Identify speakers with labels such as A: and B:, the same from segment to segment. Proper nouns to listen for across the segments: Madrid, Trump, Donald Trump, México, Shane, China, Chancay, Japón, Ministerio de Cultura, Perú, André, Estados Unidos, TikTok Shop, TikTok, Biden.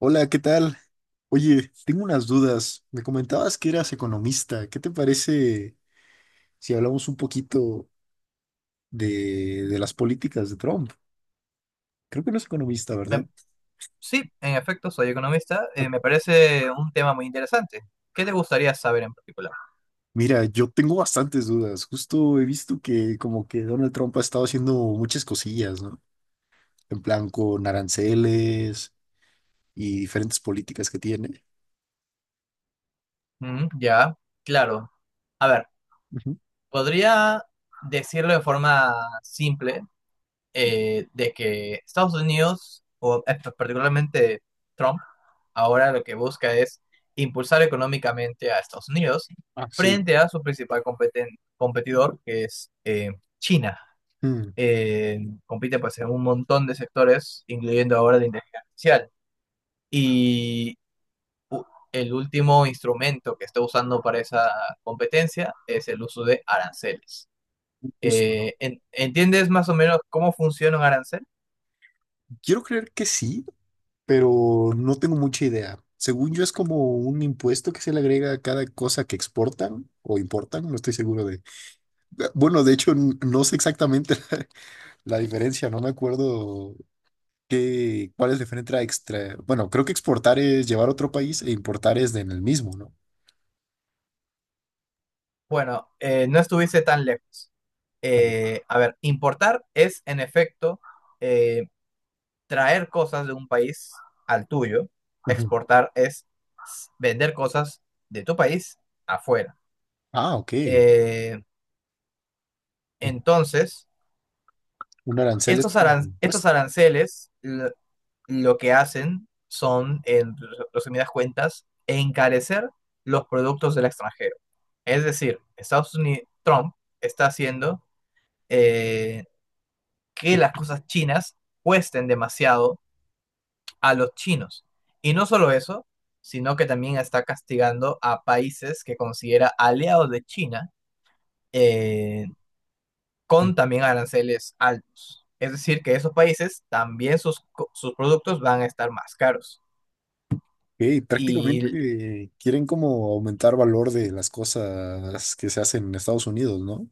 A: Hola, ¿qué tal? Oye, tengo unas dudas. Me comentabas que eras economista. ¿Qué te parece si hablamos un poquito de las políticas de Trump? Creo que no es economista, ¿verdad?
B: Me- sí, en efecto, soy economista.
A: Ok.
B: Me parece un tema muy interesante. ¿Qué te gustaría saber en particular?
A: Mira, yo tengo bastantes dudas. Justo he visto que como que Donald Trump ha estado haciendo muchas cosillas, ¿no? En plan con aranceles y diferentes políticas que tiene.
B: Mm, ya, claro. A ver,
A: Ujú.
B: podría decirlo de forma simple de que Estados Unidos, o particularmente Trump, ahora lo que busca es impulsar económicamente a Estados Unidos
A: Ah, sí.
B: frente a su principal competidor, que es China.
A: Mm,
B: eh, Compite pues en un montón de sectores, incluyendo ahora la inteligencia artificial. Y u- el último instrumento que está usando para esa competencia es el uso de aranceles.
A: justo, ¿no?
B: ¿Entiendes más o menos cómo funciona un arancel?
A: Quiero creer que sí, pero no tengo mucha idea. Según yo es como un impuesto que se le agrega a cada cosa que exportan o importan, no estoy seguro de... Ah, bueno, de hecho, no sé exactamente la diferencia, no me acuerdo cuál es la diferencia extra. Bueno, creo que exportar es llevar a otro país e importar es de en el mismo, ¿no?
B: Bueno, no estuviste tan lejos. A ver, importar es en efecto eh, traer cosas de un país al tuyo.
A: Ujú.
B: Exportar es vender cosas de tu país afuera.
A: Ah, ok.
B: Eh, Entonces,
A: Un arancel es como un
B: estos
A: impuesto.
B: aranceles lo que hacen son, en resumidas cuentas, encarecer los productos del extranjero. Es decir, Estados Unidos, Trump está haciendo eh, que las cosas chinas cuesten demasiado a los chinos. Y no solo eso, sino que también está castigando a países que considera aliados de China, eh, con también aranceles altos. Es decir, que esos países también sus productos van a estar más caros.
A: Ok,
B: Y
A: prácticamente quieren como aumentar valor de las cosas que se hacen en Estados Unidos, ¿no?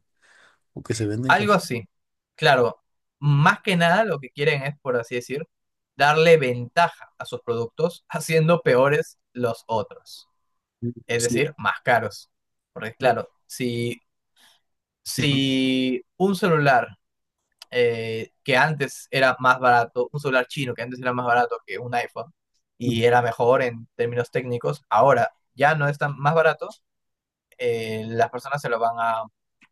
A: O que se venden con...
B: algo así. Claro, más que nada lo que quieren es, por así decir, darle ventaja a sus productos haciendo peores los otros.
A: Mm,
B: Es
A: sí,
B: decir, más caros. Porque
A: no,
B: claro, si,
A: ujú,
B: si un celular que antes era más barato, un celular chino que antes era más barato que un iPhone
A: ujú,
B: y era mejor en términos técnicos, ahora ya no es tan más barato, las personas se lo van a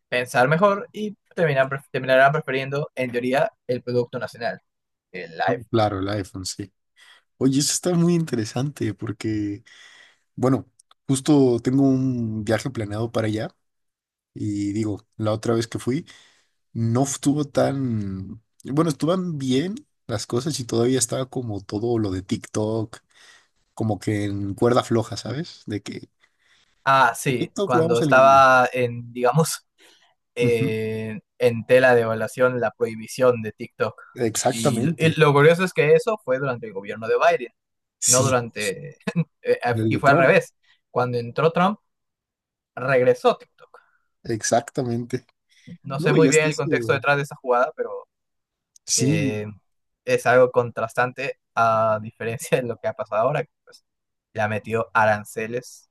B: pensar mejor y terminan, terminarán prefiriendo, en teoría, el producto nacional, el
A: no,
B: iPhone.
A: claro, el iPhone, sí. Oye, eso está muy interesante porque, bueno, justo tengo un viaje planeado para allá y digo, la otra vez que fui, no estuvo tan, bueno, estuvieron bien las cosas y todavía estaba como todo lo de TikTok, como que en cuerda floja, ¿sabes? De que
B: Ah,
A: a
B: sí,
A: TikTok lo
B: cuando
A: vamos a eliminar.
B: estaba en, digamos,
A: Ujú.
B: en tela de evaluación la prohibición de TikTok. Y
A: Exactamente,
B: lo curioso es que eso fue durante el gobierno de Biden. No
A: sí,
B: durante,
A: el
B: y
A: de
B: fue al
A: Trump,
B: revés. Cuando entró Trump, regresó TikTok.
A: exactamente.
B: No
A: No,
B: sé muy
A: y
B: bien
A: hasta
B: el
A: eso.
B: contexto detrás de esa jugada, pero
A: Sí,
B: eh, es algo contrastante a diferencia de lo que ha pasado ahora, que pues, le ha metido aranceles,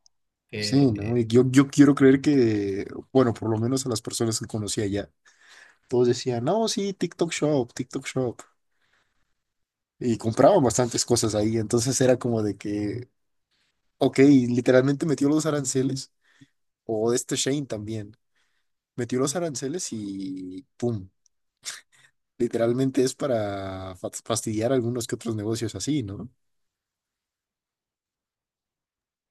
A: sí, ¿no?
B: que
A: Y yo quiero creer que, bueno, por lo menos a las personas que conocí allá, todos decían, no, sí, TikTok Shop, TikTok Shop. Y compraban bastantes cosas ahí. Entonces era como de que, ok, literalmente metió los aranceles, o este Shane también, metió los aranceles y pum, literalmente es para fastidiar algunos que otros negocios así, ¿no?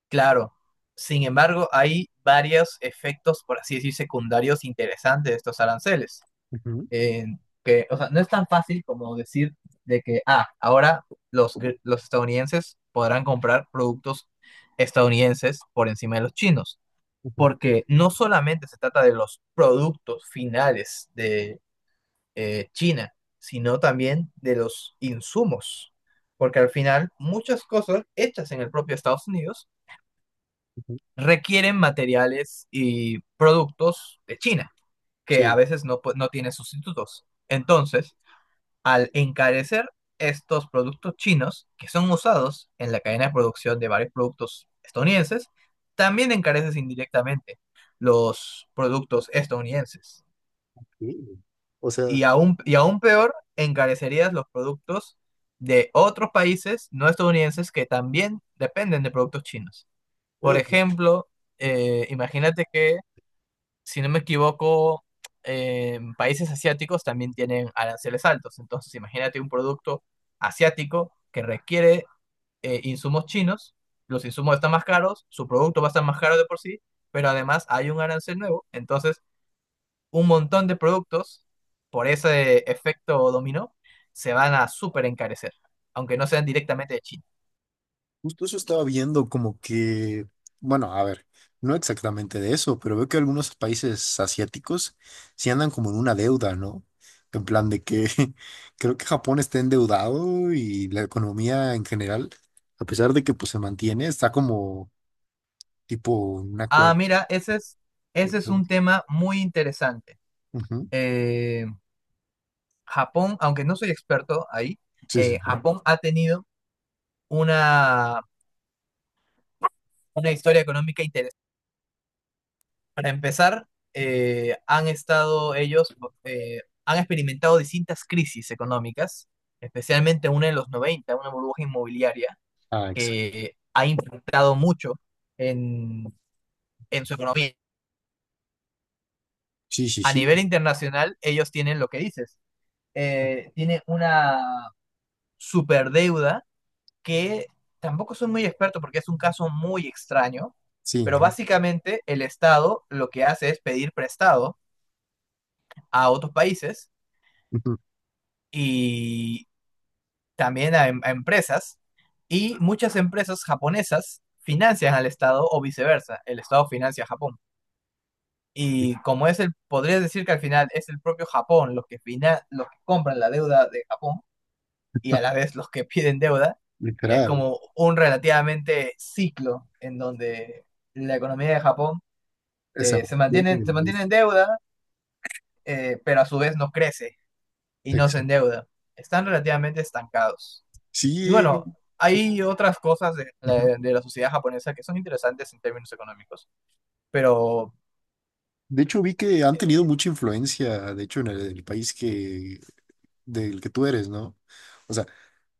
B: claro, sin embargo, hay varios efectos, por así decir, secundarios interesantes de estos aranceles.
A: Ujú,
B: En que, o sea, no es tan fácil como decir de que, ah, ahora los estadounidenses podrán comprar productos estadounidenses por encima de los chinos,
A: ujú,
B: porque no solamente se trata de los productos finales de China, sino también de los insumos, porque al final muchas cosas hechas en el propio Estados Unidos
A: ujú.
B: requieren materiales y productos de China, que a
A: Sí,
B: veces no tiene sustitutos. Entonces, al encarecer estos productos chinos que son usados en la cadena de producción de varios productos estadounidenses, también encareces indirectamente los productos estadounidenses.
A: sí. O sea,
B: Y aún peor, encarecerías los productos de otros países no estadounidenses que también dependen de productos chinos. Por ejemplo, imagínate que si no me equivoco, en países asiáticos también tienen aranceles altos. Entonces, imagínate un producto asiático que requiere insumos chinos, los insumos están más caros, su producto va a estar más caro de por sí, pero además hay un arancel nuevo. Entonces, un montón de productos, por ese efecto dominó, se van a súper encarecer, aunque no sean directamente de China.
A: justo eso estaba viendo como que, bueno, a ver, no exactamente de eso, pero veo que algunos países asiáticos sí andan como en una deuda, ¿no? En plan de que creo que Japón está endeudado y la economía en general, a pesar de que pues se mantiene, está como tipo un
B: Ah,
A: acuerdo.
B: mira, ese es un tema muy interesante.
A: Ujú.
B: Eh, Japón, aunque no soy experto ahí,
A: Sí, sí.
B: Japón ha tenido una, una historia económica interesante. Para empezar, han estado ellos, han experimentado distintas crisis económicas, especialmente una en los 90, una burbuja inmobiliaria
A: Ah, exacto.
B: que ha impactado mucho en, en su economía.
A: Sí, sí,
B: A
A: sí.
B: nivel internacional, ellos tienen lo que dices, tiene una superdeuda que tampoco soy muy experto porque es un caso muy extraño,
A: Sí,
B: pero
A: ¿no?
B: básicamente el Estado lo que hace es pedir prestado a otros países
A: Ujú.
B: y también a empresas, y muchas empresas japonesas financian al Estado o viceversa, el Estado financia a Japón. Y como es el, podrías decir que al final es el propio Japón los que, fina, los que compran la deuda de Japón, y a la vez los que piden deuda, es
A: Literal.
B: como un relativamente ciclo en donde la economía de Japón
A: Se mantiene.
B: se mantiene en deuda, pero a su vez no crece y no se
A: Exacto.
B: endeuda. Están relativamente estancados. Y bueno,
A: Sí.
B: hay otras cosas de la sociedad japonesa que son interesantes en términos económicos, pero
A: De hecho, vi que han tenido
B: eh,
A: mucha influencia, de hecho, en el país del que tú eres, ¿no? O sea,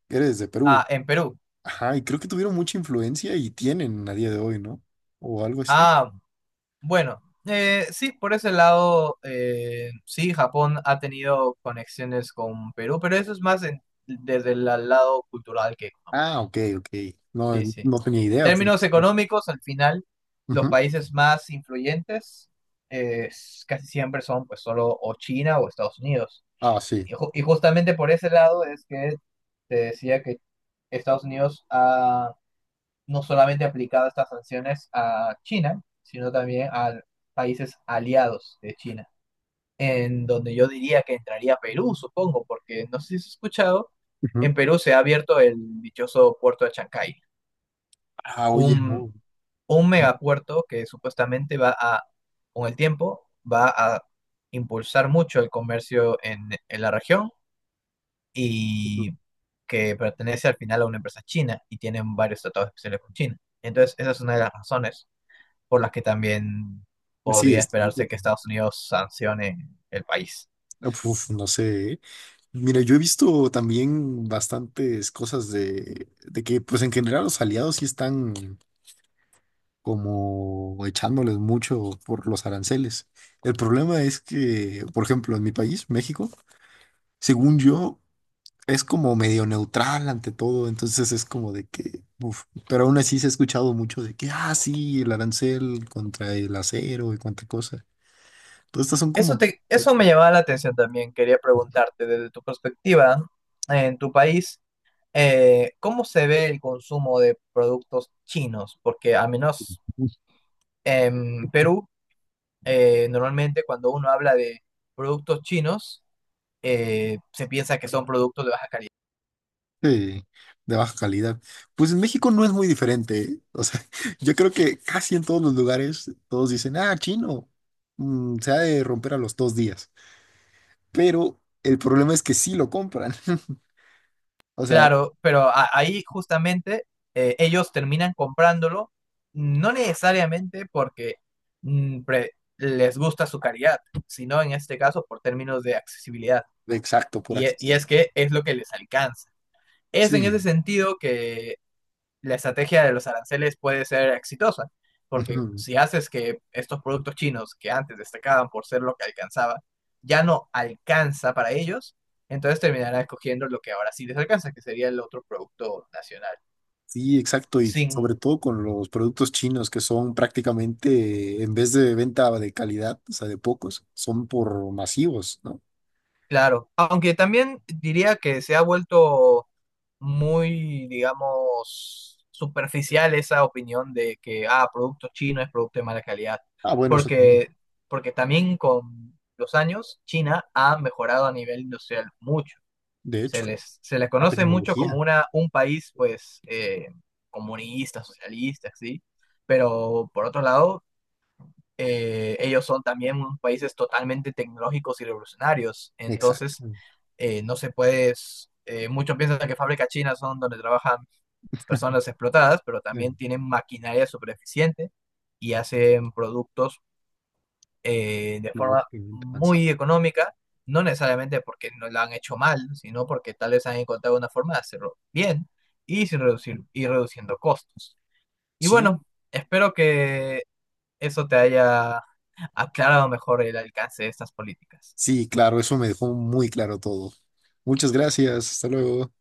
A: eres de
B: ah,
A: Perú.
B: en Perú.
A: Ajá, y creo que tuvieron mucha influencia y tienen a día de hoy, ¿no? O algo así.
B: Ah, bueno, sí, por ese lado, sí, Japón ha tenido conexiones con Perú, pero eso es más desde el lado cultural que económico.
A: Ah, ok, ok. No,
B: Sí, sí.
A: no tenía
B: En
A: idea.
B: términos
A: Sí.
B: económicos, al final, los
A: Ujú.
B: países más influyentes casi siempre son pues solo o China o Estados Unidos.
A: Ah, sí.
B: Y justamente por ese lado es que te decía que Estados Unidos no solamente aplicado estas sanciones a China, sino también a países aliados de China, en donde yo diría que entraría Perú, supongo, porque no sé si has escuchado,
A: Ujú.
B: en Perú se ha abierto el dichoso puerto de Chancay,
A: Ah, oye,
B: un,
A: no.
B: un megapuerto que supuestamente va a, con el tiempo, va a impulsar mucho el comercio en la región
A: Ujú.
B: y que pertenece al final a una empresa china y tienen varios tratados especiales con China. Entonces, esa es una de las razones por las que también
A: Sí,
B: podría esperarse que Estados Unidos sancione el país.
A: uf, no sé. ¿Eh? Mira, yo he visto también bastantes cosas de que, pues en general los aliados sí están como echándoles mucho por los aranceles. El problema es que, por ejemplo, en mi país, México, según yo, es como medio neutral ante todo, entonces es como de que, uf, pero aún así se ha escuchado mucho de que, ah, sí, el arancel contra el acero y cuánta cosa. Todas estas son como
B: Eso me llamaba la atención también. Quería preguntarte desde tu perspectiva en tu país, ¿cómo se ve el consumo de productos chinos? Porque al menos en Perú, normalmente cuando uno habla de productos chinos, se piensa que son productos de baja calidad.
A: eh, de baja calidad. Pues en México no es muy diferente, ¿eh? O sea, yo creo que casi en todos los lugares todos dicen, ah, chino, se ha de romper a los 2 días. Pero el problema es que sí lo compran. O sea,
B: Claro, pero ahí justamente ellos terminan comprándolo, no necesariamente porque mm, pre- les gusta su calidad, sino en este caso por términos de accesibilidad.
A: exacto, por
B: Y
A: accesible.
B: es que es lo que les alcanza. Es en
A: Sí,
B: ese sentido que la estrategia de los aranceles puede ser exitosa, porque
A: ujú,
B: si haces que estos productos chinos que antes destacaban por ser lo que alcanzaba, ya no alcanza para ellos, entonces terminarán escogiendo lo que ahora sí les alcanza, que sería el otro producto nacional,
A: sí, exacto. Y
B: sin.
A: sobre todo con los productos chinos que son prácticamente, en vez de venta de calidad, o sea, de pocos, son por masivos, ¿no?
B: Claro, aunque también diría que se ha vuelto muy, digamos, superficial esa opinión de que, ah, producto chino es producto de mala calidad,
A: Ah, bueno, eso también.
B: porque, porque también con los años China ha mejorado a nivel industrial mucho.
A: De hecho,
B: Se les
A: la
B: conoce mucho como
A: tecnología.
B: un país, pues, comunista, socialista, sí, pero por otro lado ellos son también unos países totalmente tecnológicos y revolucionarios. Entonces,
A: Exacto.
B: no se puede, s- muchos piensan que fábricas chinas son donde trabajan personas explotadas, pero
A: eh,
B: también tienen maquinaria súper eficiente y hacen productos de forma
A: Tecnológicamente avanzado.
B: muy económica, no necesariamente porque no la han hecho mal, sino porque tal vez han encontrado una forma de hacerlo bien y sin reducir y reduciendo costos. Y
A: Sí,
B: bueno, espero que eso te haya aclarado mejor el alcance de estas políticas.
A: sí, claro, eso me dejó muy claro todo. Muchas gracias. Hasta luego.